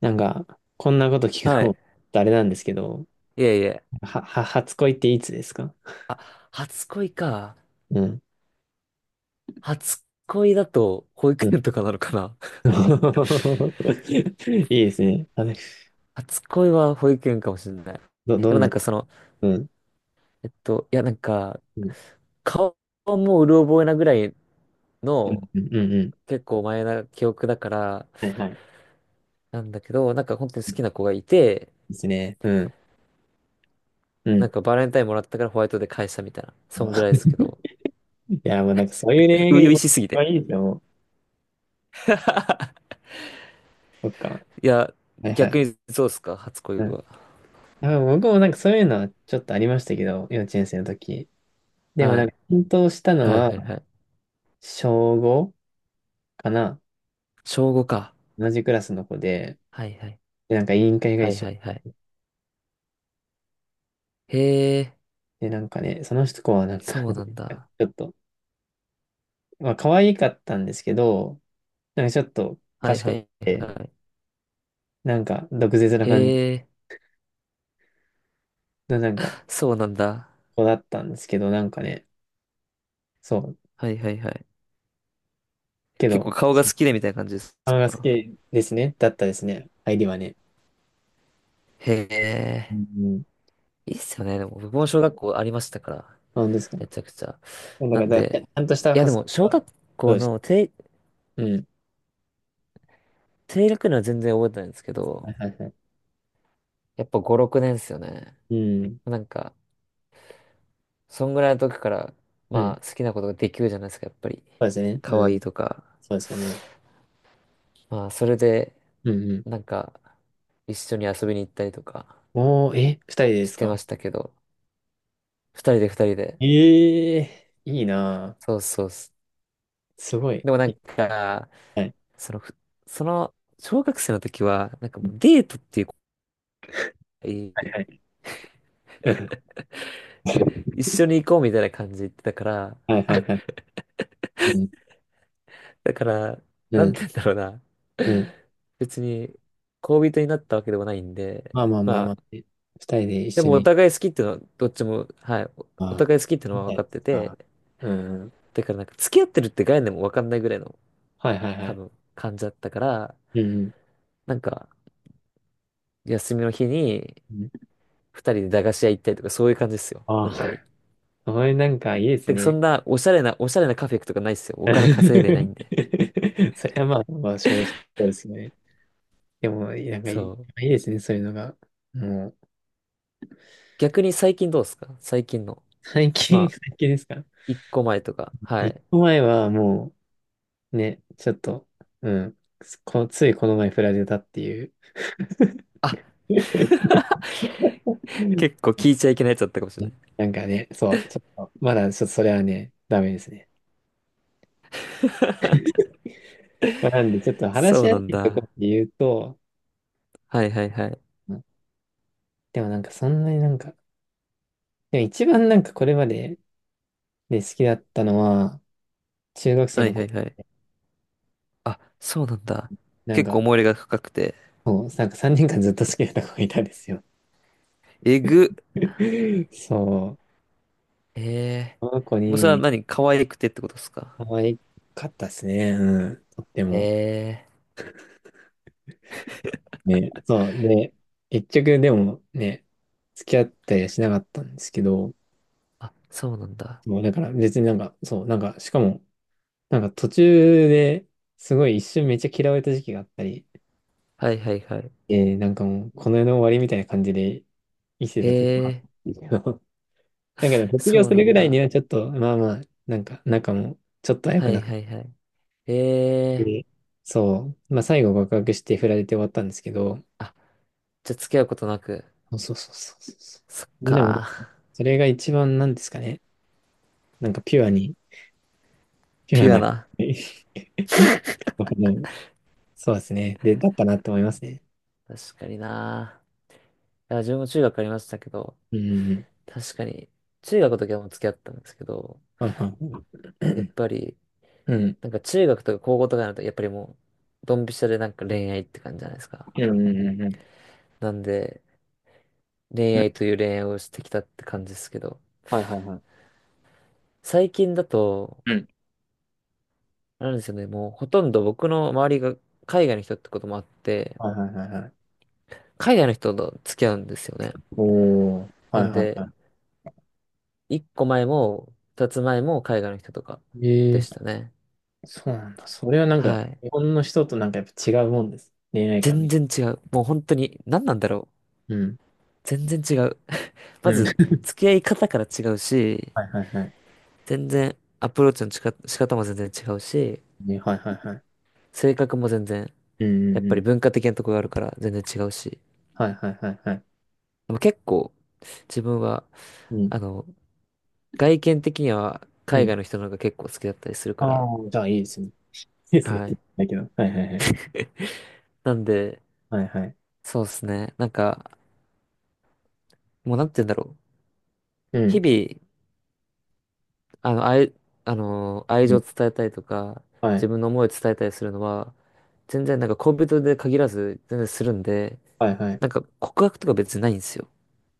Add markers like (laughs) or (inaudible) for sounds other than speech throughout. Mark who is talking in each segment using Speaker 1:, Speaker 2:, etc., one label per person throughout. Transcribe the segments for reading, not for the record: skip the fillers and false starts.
Speaker 1: なんか、こんなこと聞く
Speaker 2: は
Speaker 1: のも
Speaker 2: い。
Speaker 1: (laughs) あれなんですけど、
Speaker 2: いえいえ。
Speaker 1: 初恋っていつですか？
Speaker 2: あ、初恋か。
Speaker 1: うん。
Speaker 2: 初恋だと保
Speaker 1: う
Speaker 2: 育
Speaker 1: ん。
Speaker 2: 園とかなのかな。(laughs)
Speaker 1: (laughs) いいですね。あれ、
Speaker 2: 初恋は保育園かもしれない。
Speaker 1: ど、ど
Speaker 2: でも
Speaker 1: ん
Speaker 2: な
Speaker 1: な
Speaker 2: んか
Speaker 1: こ、
Speaker 2: その、
Speaker 1: うん。
Speaker 2: いやなんか、
Speaker 1: うん。
Speaker 2: 顔もうる覚えなぐらい
Speaker 1: うん。
Speaker 2: の
Speaker 1: うん。うんうん。
Speaker 2: 結構前な記憶だから、
Speaker 1: はいはい。
Speaker 2: なんだけど、なんか本当に
Speaker 1: う
Speaker 2: 好
Speaker 1: ん、いい
Speaker 2: きな子がいて、
Speaker 1: ですね。うん。う
Speaker 2: なん
Speaker 1: ん。
Speaker 2: かバレンタインもらったからホワイトで返したみたいな。そんぐらいです
Speaker 1: (laughs)
Speaker 2: けど。
Speaker 1: いや、もうなんかそういう
Speaker 2: (laughs)
Speaker 1: 恋愛が
Speaker 2: 初々
Speaker 1: 今、
Speaker 2: しすぎ
Speaker 1: 今
Speaker 2: て。
Speaker 1: いいですよ、もう。
Speaker 2: (laughs)
Speaker 1: そっか。
Speaker 2: いや、
Speaker 1: はいは
Speaker 2: 逆
Speaker 1: い。
Speaker 2: にそうっすか、初恋
Speaker 1: うん。
Speaker 2: は。
Speaker 1: あ、僕もなんかそういうのはちょっとありましたけど、幼稚園生の時。でも
Speaker 2: は
Speaker 1: なん
Speaker 2: い。
Speaker 1: か、奮闘したの
Speaker 2: はい
Speaker 1: は、
Speaker 2: はいはい。
Speaker 1: 小5かな。
Speaker 2: 小五か。
Speaker 1: 同じクラスの子で、
Speaker 2: はいはい。
Speaker 1: でなんか委員会が
Speaker 2: は
Speaker 1: 一
Speaker 2: いは
Speaker 1: 緒
Speaker 2: いはい。へえ、
Speaker 1: で、なんかね、その子はなんか
Speaker 2: そうなんだ。
Speaker 1: (laughs) ちょっと、まあ、可愛かったんですけど、なんかちょっと
Speaker 2: はい
Speaker 1: 賢
Speaker 2: は
Speaker 1: く
Speaker 2: い
Speaker 1: て、
Speaker 2: は
Speaker 1: なんか毒舌な
Speaker 2: い。
Speaker 1: 感じ
Speaker 2: へえ、
Speaker 1: のなんか
Speaker 2: そうなんだ。
Speaker 1: 子だったんですけど、なんかね、そう、
Speaker 2: はいはいはい。
Speaker 1: け
Speaker 2: 結構
Speaker 1: ど、
Speaker 2: 顔が好きでみたいな感じです
Speaker 1: 顔が好
Speaker 2: か？
Speaker 1: きですね、だったですね、入りはね。
Speaker 2: へ
Speaker 1: う
Speaker 2: え、
Speaker 1: ん、
Speaker 2: いいっすよね。でも僕も小学校ありましたから。
Speaker 1: なんですか。
Speaker 2: めちゃくちゃ。
Speaker 1: だか
Speaker 2: な
Speaker 1: ら、
Speaker 2: ん
Speaker 1: だから
Speaker 2: で、
Speaker 1: ちゃんとした
Speaker 2: いや
Speaker 1: ハ
Speaker 2: で
Speaker 1: ス
Speaker 2: も小
Speaker 1: は、
Speaker 2: 学
Speaker 1: そう
Speaker 2: 校
Speaker 1: です。
Speaker 2: の
Speaker 1: うん。
Speaker 2: 低学年は全然覚えてないんですけ
Speaker 1: は
Speaker 2: ど、
Speaker 1: いはいはい。
Speaker 2: やっぱ5、6年っすよね。
Speaker 1: うん。
Speaker 2: なんか、そんぐらいの時から、
Speaker 1: うん。
Speaker 2: ま
Speaker 1: そ
Speaker 2: あ好きなことができるじゃないですか、やっぱり。
Speaker 1: うですね。
Speaker 2: 可
Speaker 1: う
Speaker 2: 愛
Speaker 1: ん。
Speaker 2: いとか。
Speaker 1: そうですよね。
Speaker 2: まあそれで、
Speaker 1: うんうん。
Speaker 2: なんか、一緒に遊びに行ったりとか
Speaker 1: おー、え、二人で
Speaker 2: し
Speaker 1: す
Speaker 2: て
Speaker 1: か？
Speaker 2: ましたけど、二人で二人で。
Speaker 1: ええー、いいな
Speaker 2: そうそうっす。
Speaker 1: ぁ。すごい。
Speaker 2: でもなんか、
Speaker 1: はい。
Speaker 2: その、ふその、小学生の時は、なんかもうデートっていう子がい
Speaker 1: はい
Speaker 2: い、
Speaker 1: はい。(laughs)
Speaker 2: 一緒に行こうみたいな感じで言ってたから、
Speaker 1: はいはいはい。うん、
Speaker 2: だから、
Speaker 1: う
Speaker 2: なん
Speaker 1: ん、
Speaker 2: て言うんだろうな。
Speaker 1: うん。
Speaker 2: 別に、恋人になったわけでもないんで、
Speaker 1: まあまあまあ
Speaker 2: ま
Speaker 1: まあ。
Speaker 2: あ、
Speaker 1: え、二人で一
Speaker 2: で
Speaker 1: 緒
Speaker 2: もお
Speaker 1: に。
Speaker 2: 互い好きっていうのは、どっちも、はい、お
Speaker 1: あ
Speaker 2: お
Speaker 1: あ、
Speaker 2: 互い好きっていうの
Speaker 1: み
Speaker 2: は
Speaker 1: たい
Speaker 2: 分
Speaker 1: で
Speaker 2: かって
Speaker 1: すか。
Speaker 2: て、
Speaker 1: うん。
Speaker 2: だからなんか付き合ってるって概念も分かんないぐらいの
Speaker 1: はいはいは
Speaker 2: 多
Speaker 1: い。
Speaker 2: 分感じだったから、
Speaker 1: うん。
Speaker 2: なんか休みの日に
Speaker 1: うん。
Speaker 2: 二人で駄菓子屋行ったりとかそういう感じですよ。
Speaker 1: ああ、
Speaker 2: 本当に。
Speaker 1: それなんかいいです
Speaker 2: で、そ
Speaker 1: ね。
Speaker 2: んなおしゃれな、おしゃれなカフェ行くとかないですよ。お金稼いでない
Speaker 1: (laughs)
Speaker 2: んで。
Speaker 1: それはまあ、まあ、少うそうですね。でも、なんかいい、い
Speaker 2: そう。
Speaker 1: いですね、そういうのが。もう、
Speaker 2: 逆に最近どうですか？最近の。
Speaker 1: 最近、
Speaker 2: まあ、
Speaker 1: 最近ですか？
Speaker 2: 一個前とか。は
Speaker 1: 一
Speaker 2: い。
Speaker 1: 個前はもう、ね、ちょっと、うん、ついこの前振られたっていう。
Speaker 2: あ、
Speaker 1: (laughs) ね、
Speaker 2: 結構聞いちゃいけないやつだったかもしれない。
Speaker 1: なんかね、そう、ちょっと、まだちょっとそれはね、ダメですね。
Speaker 2: (laughs)
Speaker 1: まあなんで、ちょっと話
Speaker 2: そ
Speaker 1: し
Speaker 2: う
Speaker 1: や
Speaker 2: な
Speaker 1: す
Speaker 2: ん
Speaker 1: いところ
Speaker 2: だ。
Speaker 1: で言うと、
Speaker 2: はいはいはい。
Speaker 1: うん、でもなんかそんなになんか、でも一番なんかこれまでで好きだったのは、中学生
Speaker 2: はい
Speaker 1: の
Speaker 2: はい
Speaker 1: 子、
Speaker 2: はい。あ、そうなんだ。
Speaker 1: なん
Speaker 2: 結構
Speaker 1: か、
Speaker 2: 思い入れが深くて。
Speaker 1: そう、なんか3年間ずっと好きだった子がいたんですよ。
Speaker 2: えぐ。
Speaker 1: (laughs) そう、
Speaker 2: ええ
Speaker 1: この子
Speaker 2: ー。もうそれは
Speaker 1: に
Speaker 2: 何可愛くてってことですか？
Speaker 1: 可愛かったですね、うん、とって
Speaker 2: え
Speaker 1: も。
Speaker 2: えー。
Speaker 1: ね、そう、で、結局でもね、付き合ったりはしなかったんですけど、
Speaker 2: あ、そうなんだ。
Speaker 1: もうだから別になんか、そう、なんか、しかも、なんか途中ですごい一瞬めっちゃ嫌われた時期があったり、
Speaker 2: はいはいはい。
Speaker 1: えー、なんかもう、この世の終わりみたいな感じで生きて
Speaker 2: へ
Speaker 1: た時は、
Speaker 2: え、
Speaker 1: (laughs) だけど、
Speaker 2: (laughs)
Speaker 1: 卒業
Speaker 2: そう
Speaker 1: す
Speaker 2: な
Speaker 1: るぐ
Speaker 2: ん
Speaker 1: らいに
Speaker 2: だ。
Speaker 1: はちょっと、まあまあ、なんか、仲もちょっと早
Speaker 2: は
Speaker 1: くな
Speaker 2: い
Speaker 1: っ
Speaker 2: はいはい。へえ、
Speaker 1: て、そう、まあ最後告白して振られて終わったんですけど、
Speaker 2: じゃあ付き合うことなく。
Speaker 1: そうそうそうそうそう。
Speaker 2: そっ
Speaker 1: みんなも、
Speaker 2: か。(laughs)
Speaker 1: それが一番なんですかね、なんかピュアに、ピュア
Speaker 2: ピュア
Speaker 1: な、
Speaker 2: な。
Speaker 1: (laughs) あの、そうですね、で、だったなって思いますね。
Speaker 2: 確かにな。いや、自分も中学ありましたけど、
Speaker 1: うん。
Speaker 2: 確かに、中学の時はもう付き合ったんですけど、
Speaker 1: はいはいは
Speaker 2: やっ
Speaker 1: い。
Speaker 2: ぱり、
Speaker 1: うん。うん。
Speaker 2: なんか中学とか高校とかになると、やっぱりもう、ドンピシャでなんか恋愛って感じじゃないですか。
Speaker 1: うん。うん。うんうん。
Speaker 2: なんで、恋愛という恋愛をしてきたって感じですけど、
Speaker 1: はいはいはい。
Speaker 2: 最近だと、
Speaker 1: うん。
Speaker 2: なんですよね。もうほとんど僕の周りが海外の人ってこともあって、
Speaker 1: はいはいはいはい。
Speaker 2: 海外の人と付き合うんですよね。
Speaker 1: おー。は
Speaker 2: な
Speaker 1: い
Speaker 2: ん
Speaker 1: はい
Speaker 2: で、
Speaker 1: は
Speaker 2: 一個前も二つ前も海外の人とか
Speaker 1: い。え
Speaker 2: で
Speaker 1: え
Speaker 2: したね。
Speaker 1: ー、そうなんだ。それはなんか、
Speaker 2: はい。
Speaker 1: 日本の人となんかやっぱ違うもんです。恋愛観
Speaker 2: 全
Speaker 1: み。
Speaker 2: 然違う。もう本当に何なんだろう。
Speaker 1: うん。
Speaker 2: 全然違う。(laughs)
Speaker 1: う
Speaker 2: ま
Speaker 1: ん。
Speaker 2: ず、付き合い方から違うし、
Speaker 1: はいはいはい。
Speaker 2: 全然アプローチの仕方も全然違うし、
Speaker 1: ね、はいはいはい。
Speaker 2: 性格も全然、
Speaker 1: うんう
Speaker 2: やっ
Speaker 1: んう
Speaker 2: ぱり
Speaker 1: ん。
Speaker 2: 文化的なとこがあるから全然違うし。
Speaker 1: はいはいはいはい。
Speaker 2: でも結構自分は、
Speaker 1: うん。
Speaker 2: あの、外見的には
Speaker 1: う
Speaker 2: 海
Speaker 1: ん。
Speaker 2: 外の人の方が結構好きだったりするか
Speaker 1: あ
Speaker 2: ら、
Speaker 1: あ、じゃあいいですね。いいですねっ
Speaker 2: は
Speaker 1: て
Speaker 2: い。
Speaker 1: 言ったけど。はいはいはい。
Speaker 2: (laughs) なんで、
Speaker 1: はいはい。
Speaker 2: そうですね。なんか、もうなんて言うんだろう。
Speaker 1: う
Speaker 2: 日
Speaker 1: ん。
Speaker 2: 々、あの、愛、あの、愛
Speaker 1: う
Speaker 2: 情を
Speaker 1: ん。
Speaker 2: 伝えたりとか、
Speaker 1: はい。
Speaker 2: 自分の思いを伝えたりするのは、全然なんか恋人で限らず、全然するんで、
Speaker 1: はいはい。
Speaker 2: なんか告白とか別にないんですよ。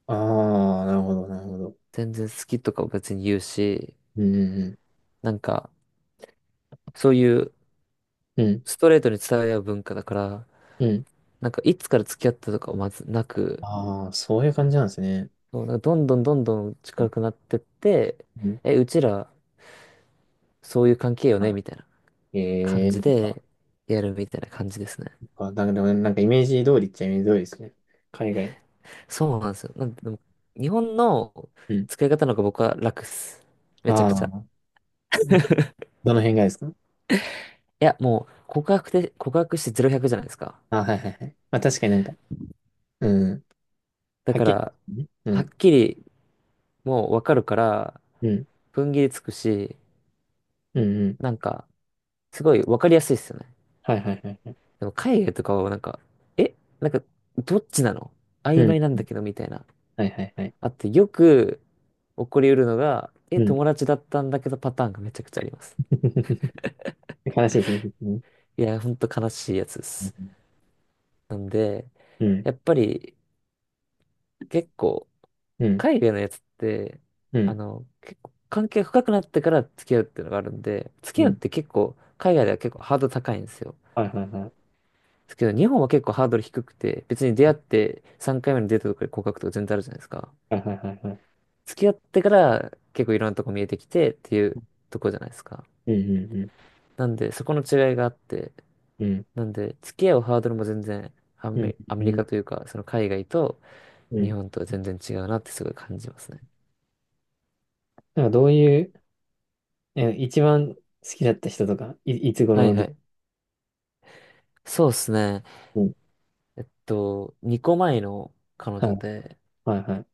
Speaker 1: ああ、なるほどなるほど。
Speaker 2: 全然好きとかを別に言うし、
Speaker 1: うんうん
Speaker 2: なんか、そういう
Speaker 1: うん。うん。
Speaker 2: ストレートに伝え合う文化だから、
Speaker 1: うん。
Speaker 2: なんかいつから付き合ったとかはまずなく、
Speaker 1: ああ、そういう感じなんですね。
Speaker 2: そう、なんかどんどんどんどん近くなってって、
Speaker 1: うん、
Speaker 2: え、うちら、そういう関係よねみたいな感
Speaker 1: あ、ええ、
Speaker 2: じで、やるみたいな感じですね。
Speaker 1: あ、なんか、でもねなんかイメージ通りっちゃイメージ通りですね。海外。
Speaker 2: そうなんですよ。なんで、でも日本の
Speaker 1: うん。
Speaker 2: 使い方の方が僕は楽っす。めちゃ
Speaker 1: あ
Speaker 2: くちゃ。
Speaker 1: あ、どの辺がですか？
Speaker 2: いや、もう、告白してゼロ百じゃないですか。
Speaker 1: あ、はいはいはい。まあ確かになんか、うん。
Speaker 2: だ
Speaker 1: はっ
Speaker 2: か
Speaker 1: き
Speaker 2: ら、
Speaker 1: り。ね、う
Speaker 2: はっ
Speaker 1: ん。
Speaker 2: きり、もうわかるから、
Speaker 1: うん。
Speaker 2: 踏ん切りつくし、
Speaker 1: うん。うん。
Speaker 2: なんか、すごいわかりやすいっすよね。
Speaker 1: はいはいはい。
Speaker 2: でも、海外とかはなんか、え、なんか、どっちなの
Speaker 1: う
Speaker 2: 曖
Speaker 1: ん。
Speaker 2: 昧なんだけど、みたいな。
Speaker 1: はいはいはい。
Speaker 2: あと、よく起こりうるのが、え、
Speaker 1: うん。
Speaker 2: 友達だったんだけどパターンがめちゃくちゃあります。
Speaker 1: (laughs) 悲しいですね。
Speaker 2: いや、ほんと悲しいやつです。なんで、
Speaker 1: うん、
Speaker 2: やっぱり結構、
Speaker 1: うん、
Speaker 2: 海外のやつって、
Speaker 1: う
Speaker 2: あ
Speaker 1: ん、
Speaker 2: の、結構関係深くなってから付き合うっていうのがあるんで、付
Speaker 1: う
Speaker 2: き合うっ
Speaker 1: ん。
Speaker 2: て結構、海外では結構ハードル高いんですよ。
Speaker 1: はいはいはい。
Speaker 2: ですけど、日本は結構ハードル低くて、別に出会って3回目のデートとかで告白とか全然あるじゃないですか。
Speaker 1: はいはいはいはい。
Speaker 2: 付き合ってから結構いろんなとこ見えてきてっていうとこじゃないですか。
Speaker 1: うん、うん、うん、
Speaker 2: なんで、そこの違いがあって、
Speaker 1: うん、
Speaker 2: なんで、付き合うハードルも全然
Speaker 1: うん、
Speaker 2: ア
Speaker 1: う
Speaker 2: メリ
Speaker 1: ん。
Speaker 2: カというか、その海外と
Speaker 1: う
Speaker 2: 日
Speaker 1: ん、
Speaker 2: 本とは全然違うなってすごい感じますね。
Speaker 1: なんかどういう、え、一番好きだった人とか、い、いつ
Speaker 2: はい
Speaker 1: 頃で、
Speaker 2: はい。そうですね。
Speaker 1: うん。
Speaker 2: えっと、2個前の彼
Speaker 1: は
Speaker 2: 女
Speaker 1: い、
Speaker 2: で、
Speaker 1: はい、はい。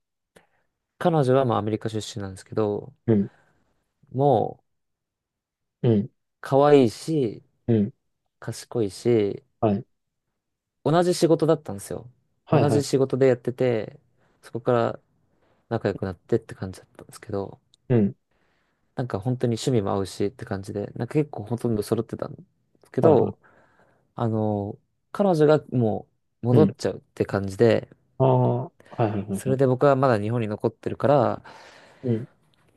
Speaker 2: 彼女はまあアメリカ出身なんですけど、
Speaker 1: うん、
Speaker 2: もう
Speaker 1: うん、
Speaker 2: 可愛いし、
Speaker 1: うん。
Speaker 2: 賢いし、
Speaker 1: はい、
Speaker 2: 同じ仕事だったんですよ。
Speaker 1: はい、
Speaker 2: 同
Speaker 1: は
Speaker 2: じ
Speaker 1: い。
Speaker 2: 仕事でやってて、そこから仲良くなってって感じだったんですけど、
Speaker 1: うん、
Speaker 2: なんか本当に趣味も合うしって感じで、なんか結構ほとんど揃ってたんですけ
Speaker 1: はい、は
Speaker 2: ど、
Speaker 1: い。
Speaker 2: あの、彼女がもう
Speaker 1: う
Speaker 2: 戻っ
Speaker 1: ん。
Speaker 2: ちゃうって感じで、
Speaker 1: ああ、はい、はい、はい。
Speaker 2: そ
Speaker 1: は
Speaker 2: れで
Speaker 1: い、
Speaker 2: 僕はまだ日本に残ってるから、
Speaker 1: うん、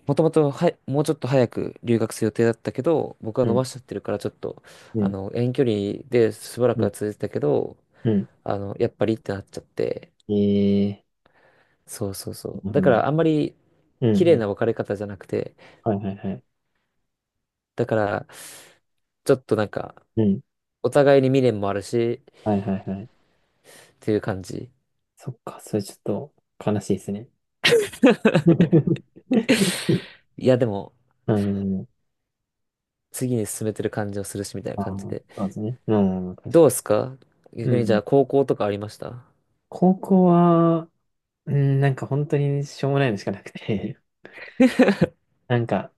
Speaker 2: もともとはもうちょっと早く留学する予定だったけど、僕は
Speaker 1: う
Speaker 2: 伸
Speaker 1: ん、
Speaker 2: ばしちゃってるからちょっと、
Speaker 1: う
Speaker 2: あ
Speaker 1: ん、
Speaker 2: の、遠距離でしばら
Speaker 1: う
Speaker 2: く
Speaker 1: ん、
Speaker 2: は続いてたけど、
Speaker 1: うん。
Speaker 2: あの、やっぱりってなっちゃって、
Speaker 1: ええ、
Speaker 2: そうそうそう。
Speaker 1: なるほ
Speaker 2: だか
Speaker 1: ど。
Speaker 2: らあんまり
Speaker 1: うん、
Speaker 2: 綺
Speaker 1: う
Speaker 2: 麗
Speaker 1: ん。
Speaker 2: な別れ方じゃなくて、
Speaker 1: はい、はい、はい。
Speaker 2: だからちょっとなんか、
Speaker 1: うん、
Speaker 2: お互いに未練もあるし、
Speaker 1: はい、はい、はい。
Speaker 2: っていう感じ。
Speaker 1: そっか、それちょっと悲しいですね。(laughs)
Speaker 2: いや、でも、
Speaker 1: うん、
Speaker 2: 次に進めてる感じをするし、みたいな
Speaker 1: あ
Speaker 2: 感じ
Speaker 1: ー
Speaker 2: で。
Speaker 1: そうですね。うん、確か
Speaker 2: どうっすか
Speaker 1: に。う
Speaker 2: 逆にじゃ
Speaker 1: ん。
Speaker 2: あ高校とかありました？
Speaker 1: 高校は、うん、なんか本当にしょうもないのしかなくて、なんか、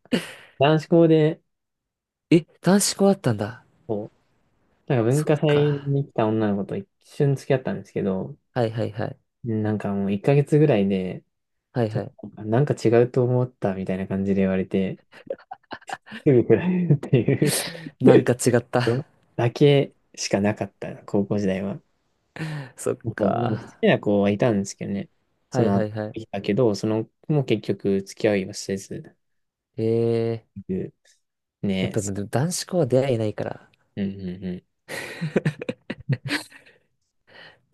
Speaker 1: 男子校で、
Speaker 2: え、男子校あったんだ。
Speaker 1: こう、なんか文
Speaker 2: そっ
Speaker 1: 化祭
Speaker 2: か。
Speaker 1: に来た女の子と一瞬付き合ったんですけど、
Speaker 2: はいはいはい。
Speaker 1: なんかもう1ヶ月ぐらいで、
Speaker 2: はい
Speaker 1: ちょ
Speaker 2: は
Speaker 1: っ
Speaker 2: い。
Speaker 1: となんか違うと思ったみたいな感じで言われて、すぐ振られるっていう
Speaker 2: なんか違った。
Speaker 1: の (laughs) だけしかなかった、高校時代は。
Speaker 2: (laughs) そっ
Speaker 1: そう、もう好
Speaker 2: か。
Speaker 1: きな子はいたんですけどね。そ
Speaker 2: はい
Speaker 1: の
Speaker 2: は
Speaker 1: 後、
Speaker 2: いは
Speaker 1: い
Speaker 2: い。
Speaker 1: たけど、その子も結局付き合いはせず、ね。
Speaker 2: ええー、やっぱで
Speaker 1: う
Speaker 2: も男子校は出会いないから。
Speaker 1: んうんう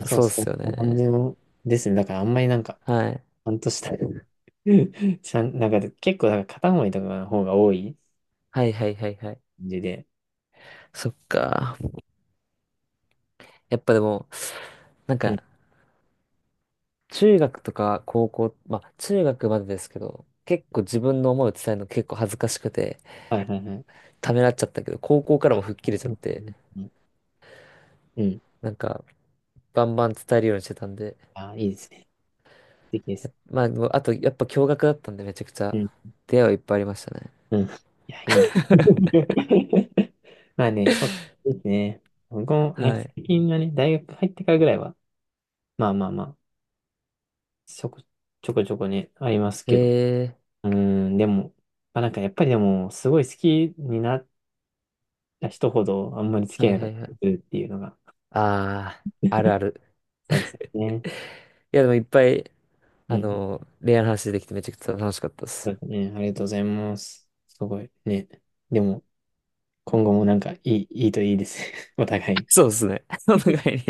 Speaker 1: ん。そう
Speaker 2: そうっ
Speaker 1: そう、
Speaker 2: すよ
Speaker 1: こん
Speaker 2: ね。
Speaker 1: な感じのですね。だからあんまりなんか、
Speaker 2: はい。
Speaker 1: 半年だよ。(laughs) ちゃん、なんか結構なんか片思いとかの方が多い
Speaker 2: はいはいはいはい。
Speaker 1: 感じで。
Speaker 2: そっか。やっぱでも、なん
Speaker 1: うん。
Speaker 2: か、中学とか高校、まあ中学までですけど、結構自分の思いを伝えるの結構恥ずかしくて、
Speaker 1: はいはいはい。
Speaker 2: ためらっちゃったけど、高校からも吹っ切れちゃ
Speaker 1: う
Speaker 2: っ
Speaker 1: ん。
Speaker 2: て、
Speaker 1: うん。うん。
Speaker 2: なんか、バンバン伝えるようにしてたんで、
Speaker 1: あ、いいですね。素敵で
Speaker 2: や
Speaker 1: す。
Speaker 2: っまあ、もうあと、やっぱ驚愕だったんで、めちゃくち
Speaker 1: う
Speaker 2: ゃ、
Speaker 1: ん。
Speaker 2: 出会いはいっぱいありましたね。
Speaker 1: うん。いや、いいな。
Speaker 2: (laughs)
Speaker 1: (laughs) まあね、そうですね。僕も、なんか
Speaker 2: はい。
Speaker 1: 最近はね、大学入ってからぐらいは、まあまあまあ、ちょこちょこちょこね、ありますけど。
Speaker 2: え
Speaker 1: うーん、でも、まあなんかやっぱりでも、すごい好きになった人ほど、あんまり付
Speaker 2: ー、
Speaker 1: き
Speaker 2: は
Speaker 1: 合え
Speaker 2: い
Speaker 1: なか
Speaker 2: は
Speaker 1: っ
Speaker 2: いは
Speaker 1: たり
Speaker 2: い。
Speaker 1: するっていうのが、
Speaker 2: あー、あるある。
Speaker 1: そうですよね。
Speaker 2: (laughs) いや、でもいっぱい、
Speaker 1: う
Speaker 2: あ
Speaker 1: ん、
Speaker 2: の、恋愛の話できてめちゃくちゃ楽しかったで
Speaker 1: そう
Speaker 2: す。
Speaker 1: ですね。ありがとうございます。すごいね。でも、今後もなんかいい、いいといいです。(laughs) お互
Speaker 2: (laughs)
Speaker 1: い。
Speaker 2: そうですね。(laughs) お互いに